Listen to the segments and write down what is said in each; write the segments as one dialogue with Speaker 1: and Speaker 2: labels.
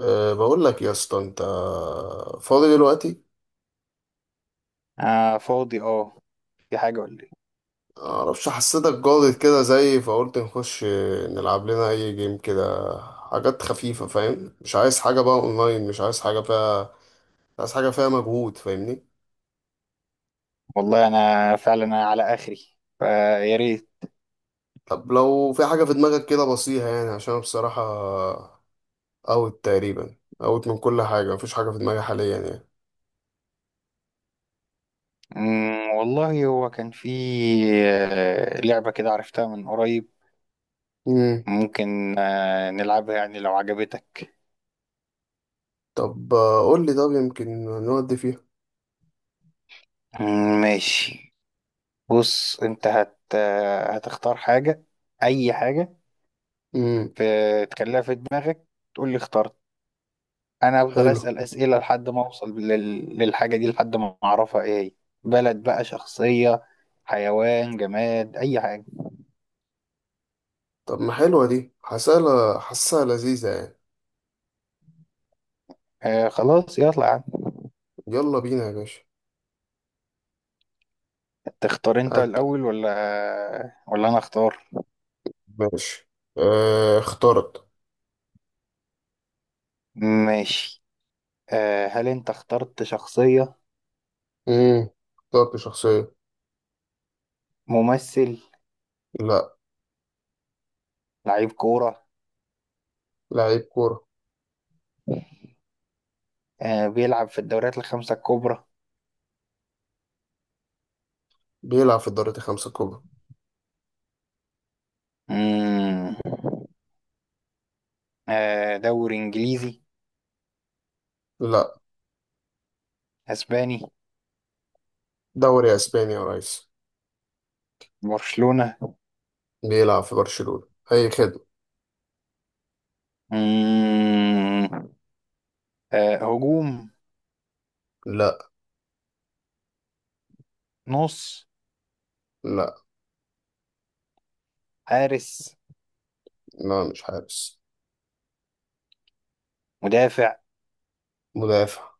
Speaker 1: بقول لك يا اسطى، انت فاضي دلوقتي؟
Speaker 2: آه، فاضي اه. في حاجة ولا ايه؟
Speaker 1: معرفش، حسيتك جاضد كده زي، فقلت نخش نلعب لنا اي جيم كده، حاجات خفيفة، فاهم؟ مش عايز حاجة بقى اونلاين، مش عايز حاجة فيها مجهود، فاهمني؟
Speaker 2: والله، انا فعلا أنا على اخري، فيا ريت.
Speaker 1: طب لو في حاجة في دماغك كده بسيطة يعني، عشان أنا بصراحة اوت تقريبا، اوت من كل حاجة، مفيش حاجة في دماغي حاليا يعني.
Speaker 2: والله هو كان في لعبة كده عرفتها من قريب.
Speaker 1: مم.
Speaker 2: ممكن نلعبها يعني لو عجبتك.
Speaker 1: طب قول لي، طب يمكن نودي فيها.
Speaker 2: ماشي. بص، انت هت آه، هتختار حاجة، اي حاجة.
Speaker 1: امم.
Speaker 2: تخليها في دماغك، تقول لي اخترت. انا افضل
Speaker 1: حلو.
Speaker 2: اسأل اسئلة لحد ما اوصل للحاجة دي لحد ما اعرفها ايه هي. بلد، بقى شخصية، حيوان، جماد، اي حاجة.
Speaker 1: طب ما حلوة دي، حاسة حاسة لذيذة يعني.
Speaker 2: آه خلاص، يلا يا عم.
Speaker 1: يلا بينا يا باشا.
Speaker 2: تختار انت
Speaker 1: هات.
Speaker 2: الاول ولا انا اختار؟
Speaker 1: ماشي. اخترت.
Speaker 2: ماشي. هل انت اخترت شخصية؟
Speaker 1: مم. اخترت شخصية.
Speaker 2: ممثل؟
Speaker 1: لا.
Speaker 2: لعيب كورة؟
Speaker 1: لعيب كورة.
Speaker 2: بيلعب في الدوريات الخمسة الكبرى؟
Speaker 1: بيلعب في الدوريات الخمسة الكبرى.
Speaker 2: مم. دوري انجليزي؟
Speaker 1: لا.
Speaker 2: اسباني؟
Speaker 1: دوري اسباني يا ريس.
Speaker 2: برشلونة؟
Speaker 1: بيلعب في برشلونة، اي خدمة.
Speaker 2: مم. هجوم؟
Speaker 1: لا.
Speaker 2: نص؟
Speaker 1: لا.
Speaker 2: حارس؟
Speaker 1: لا، مش حارس.
Speaker 2: مدافع؟
Speaker 1: مدافع.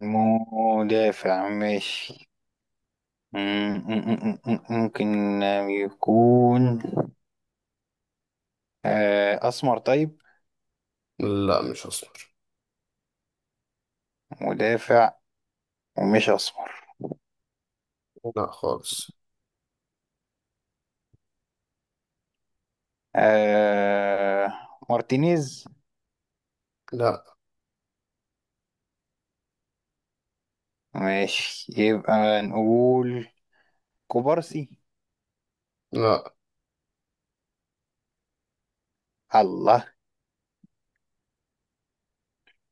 Speaker 2: مدافع، ماشي. ممكن يكون أسمر؟ طيب.
Speaker 1: لا، مش اسمر.
Speaker 2: مدافع ومش أسمر.
Speaker 1: لا خالص.
Speaker 2: آه، مارتينيز؟
Speaker 1: لا.
Speaker 2: ماشي، يبقى نقول كوبارسي؟
Speaker 1: لا.
Speaker 2: الله.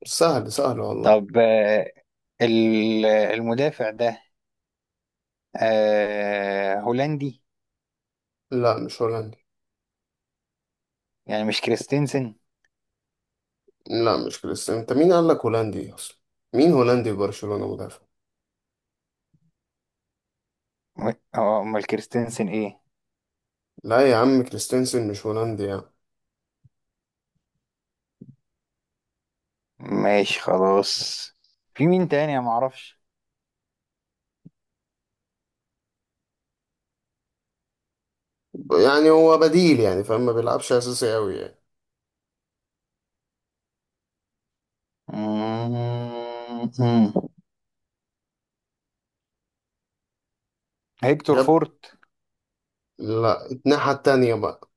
Speaker 1: سهل سهل والله.
Speaker 2: طب، المدافع ده هولندي؟
Speaker 1: لا، مش هولندي.
Speaker 2: يعني مش كريستنسن؟
Speaker 1: لا، مش كريستيانو. انت مين قال لك هولندي اصلا؟ مين هولندي في برشلونة مدافع؟
Speaker 2: هو أمال كريستنسن إيه؟
Speaker 1: لا يا عم، كريستنسن مش هولندي يعني.
Speaker 2: ماشي خلاص. في مين تاني؟ أنا معرفش.
Speaker 1: يعني هو بديل يعني، فاهم؟ ما بيلعبش اساسي قوي يعني.
Speaker 2: مم، مم. هيكتور
Speaker 1: جاب.
Speaker 2: فورت؟
Speaker 1: لا، الناحية التانية بقى.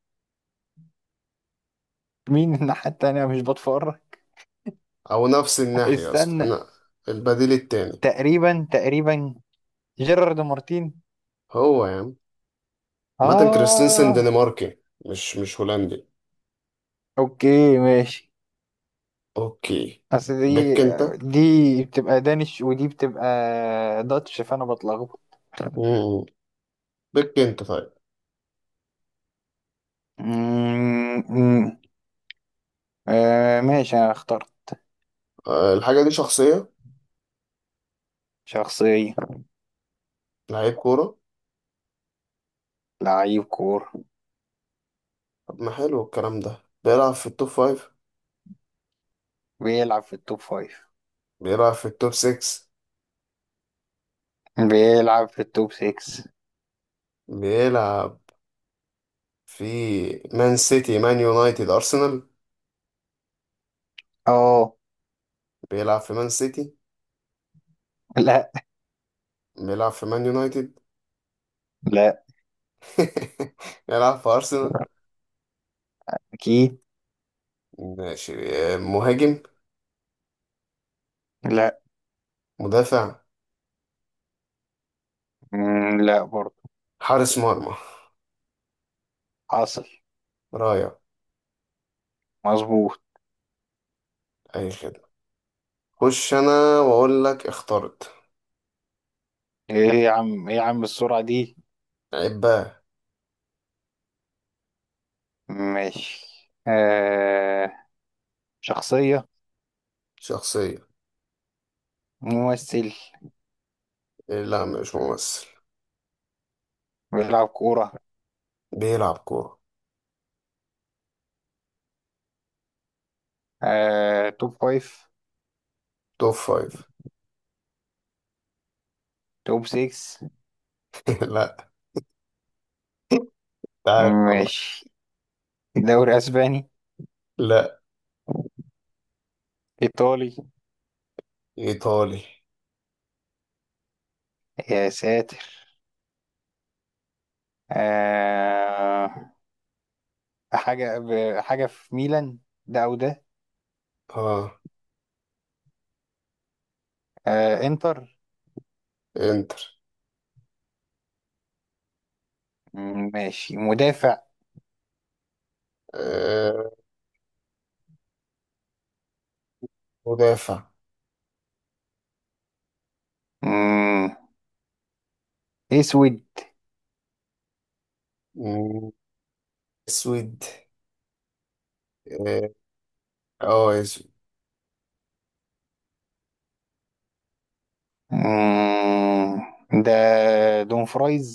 Speaker 2: مين؟ الناحية التانية، مش بتفرج.
Speaker 1: او نفس الناحية اصلا
Speaker 2: استنى.
Speaker 1: انا. البديل التاني.
Speaker 2: تقريبا تقريبا. جيرارد مارتين؟
Speaker 1: هو يا عم. ماتن كريستنسن
Speaker 2: اه.
Speaker 1: دنماركي، مش هولندي.
Speaker 2: اوكي، ماشي.
Speaker 1: اوكي.
Speaker 2: اصل دي
Speaker 1: بك انت.
Speaker 2: دي بتبقى دانش، ودي بتبقى داتش، فانا بتلخبط.
Speaker 1: مم. بك انت طيب.
Speaker 2: أمم، أمم. آه ماشي، انا اخترت.
Speaker 1: الحاجة دي شخصية.
Speaker 2: شخصية.
Speaker 1: لعيب كورة.
Speaker 2: لعيب كورة.
Speaker 1: طب ما حلو الكلام ده. بيلعب في التوب فايف.
Speaker 2: بيلعب في التوب فايف.
Speaker 1: بيلعب في التوب سكس.
Speaker 2: بيلعب في التوب سيكس.
Speaker 1: بيلعب في مان سيتي، مان يونايتد، ارسنال.
Speaker 2: اه.
Speaker 1: بيلعب في مان سيتي.
Speaker 2: لا،
Speaker 1: بيلعب في مان يونايتد.
Speaker 2: لا،
Speaker 1: بيلعب في أرسنال.
Speaker 2: اكيد.
Speaker 1: ماشي. مهاجم.
Speaker 2: لا.
Speaker 1: مدافع.
Speaker 2: لا برضه.
Speaker 1: حارس مرمى.
Speaker 2: حاصل.
Speaker 1: رايع.
Speaker 2: مظبوط.
Speaker 1: أي خدمة. خش أنا وأقول لك اخترت.
Speaker 2: ايه يا عم، ايه يا عم، السرعة دي؟
Speaker 1: عباه.
Speaker 2: ماشي. آه شخصية.
Speaker 1: شخصية.
Speaker 2: ممثل؟
Speaker 1: إيه، لا مش ممثل.
Speaker 2: بيلعب كورة؟
Speaker 1: بيلعب كورة.
Speaker 2: توب فايف؟
Speaker 1: توب فايف.
Speaker 2: توب سيكس؟
Speaker 1: لا. انت عارف والله.
Speaker 2: ماشي. دوري اسباني؟
Speaker 1: لا.
Speaker 2: ايطالي؟
Speaker 1: إيطالي.
Speaker 2: يا ساتر. آه حاجة في ميلان. ده او ده؟
Speaker 1: آه.
Speaker 2: انتر؟
Speaker 1: إنتر.
Speaker 2: ماشي، مدافع.
Speaker 1: آه. مدافع.
Speaker 2: مم، اسود؟
Speaker 1: مم، أسود. آه. آه، أسود.
Speaker 2: مم، ده دون فرايز؟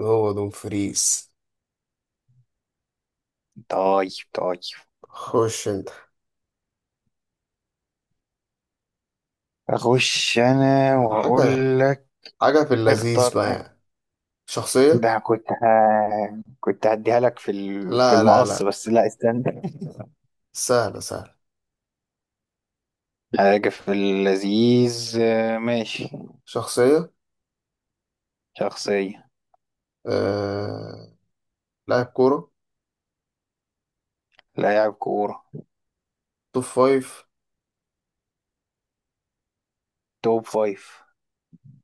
Speaker 1: هو دومفريز.
Speaker 2: طيب طيب.
Speaker 1: خش أنت.
Speaker 2: اخش انا واقول
Speaker 1: حاجة
Speaker 2: لك،
Speaker 1: حاجة في اللذيذ
Speaker 2: اختار،
Speaker 1: بقى يعني. شخصية.
Speaker 2: ده كنت هديها لك في في
Speaker 1: لا لا
Speaker 2: المقص،
Speaker 1: لا.
Speaker 2: بس لا، استنى.
Speaker 1: سهلة سهلة.
Speaker 2: حاجة في اللذيذ، ماشي.
Speaker 1: شخصية.
Speaker 2: شخصية.
Speaker 1: آه... لاعب كورة.
Speaker 2: لاعب كورة.
Speaker 1: توب فايف.
Speaker 2: توب فايف.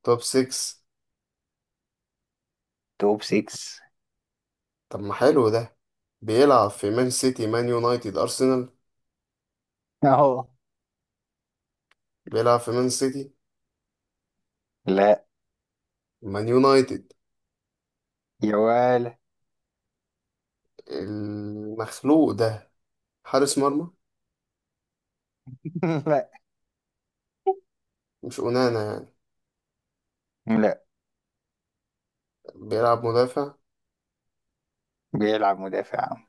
Speaker 1: توب سكس.
Speaker 2: توب سيكس.
Speaker 1: طب ما حلو ده. بيلعب في مان سيتي، مان يونايتد، أرسنال.
Speaker 2: اهو.
Speaker 1: بيلعب في مان سيتي.
Speaker 2: لا.
Speaker 1: مان يونايتد.
Speaker 2: يا ولا!
Speaker 1: المخلوق ده حارس مرمى؟
Speaker 2: لا.
Speaker 1: مش أونانا يعني.
Speaker 2: لا.
Speaker 1: بيلعب مدافع.
Speaker 2: بيلعب مدافع عام.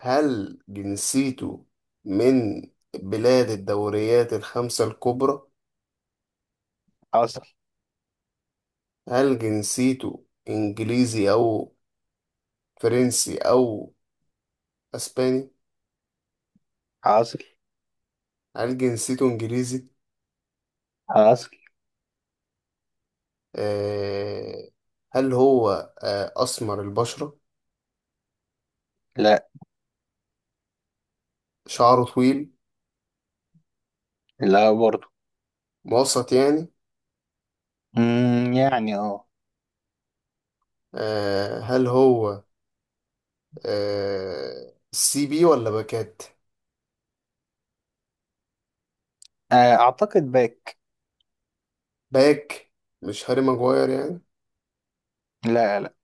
Speaker 1: هل جنسيته من بلاد الدوريات الخمسة الكبرى؟
Speaker 2: حاصل.
Speaker 1: هل جنسيته إنجليزي أو فرنسي أو أسباني؟
Speaker 2: حاصل.
Speaker 1: هل جنسيته إنجليزي؟
Speaker 2: حاصل.
Speaker 1: آه، هل هو أسمر البشرة؟
Speaker 2: لا،
Speaker 1: شعره طويل؟
Speaker 2: لا برضه.
Speaker 1: موسط يعني.
Speaker 2: مم، يعني اه.
Speaker 1: هل هو سي بي ولا باكات؟
Speaker 2: اعتقد باك.
Speaker 1: باك. مش هاري ماجواير يعني.
Speaker 2: لا، لا.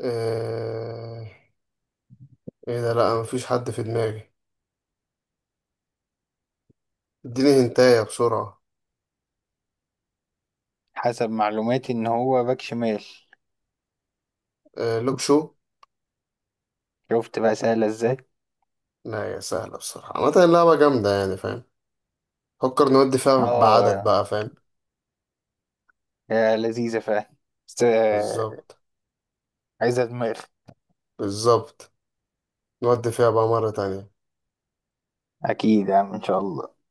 Speaker 1: آه، ايه ده؟ لا، مفيش حد في دماغي. اديني هنتاية بسرعة.
Speaker 2: حسب معلوماتي ان هو باك شمال.
Speaker 1: لوك شو.
Speaker 2: شفت بقى، سهلة ازاي؟
Speaker 1: لا يا سهلة، بصراحة عامة اللعبة جامدة يعني، فاهم؟ فكر نودي فيها بعدد
Speaker 2: اه.
Speaker 1: بقى، فاهم؟
Speaker 2: يا لذيذة فعلا، بس
Speaker 1: بالظبط.
Speaker 2: عايزة دماغ.
Speaker 1: بالظبط. نودي فيها بقى مرة تانية.
Speaker 2: اكيد يا عم، ان شاء الله.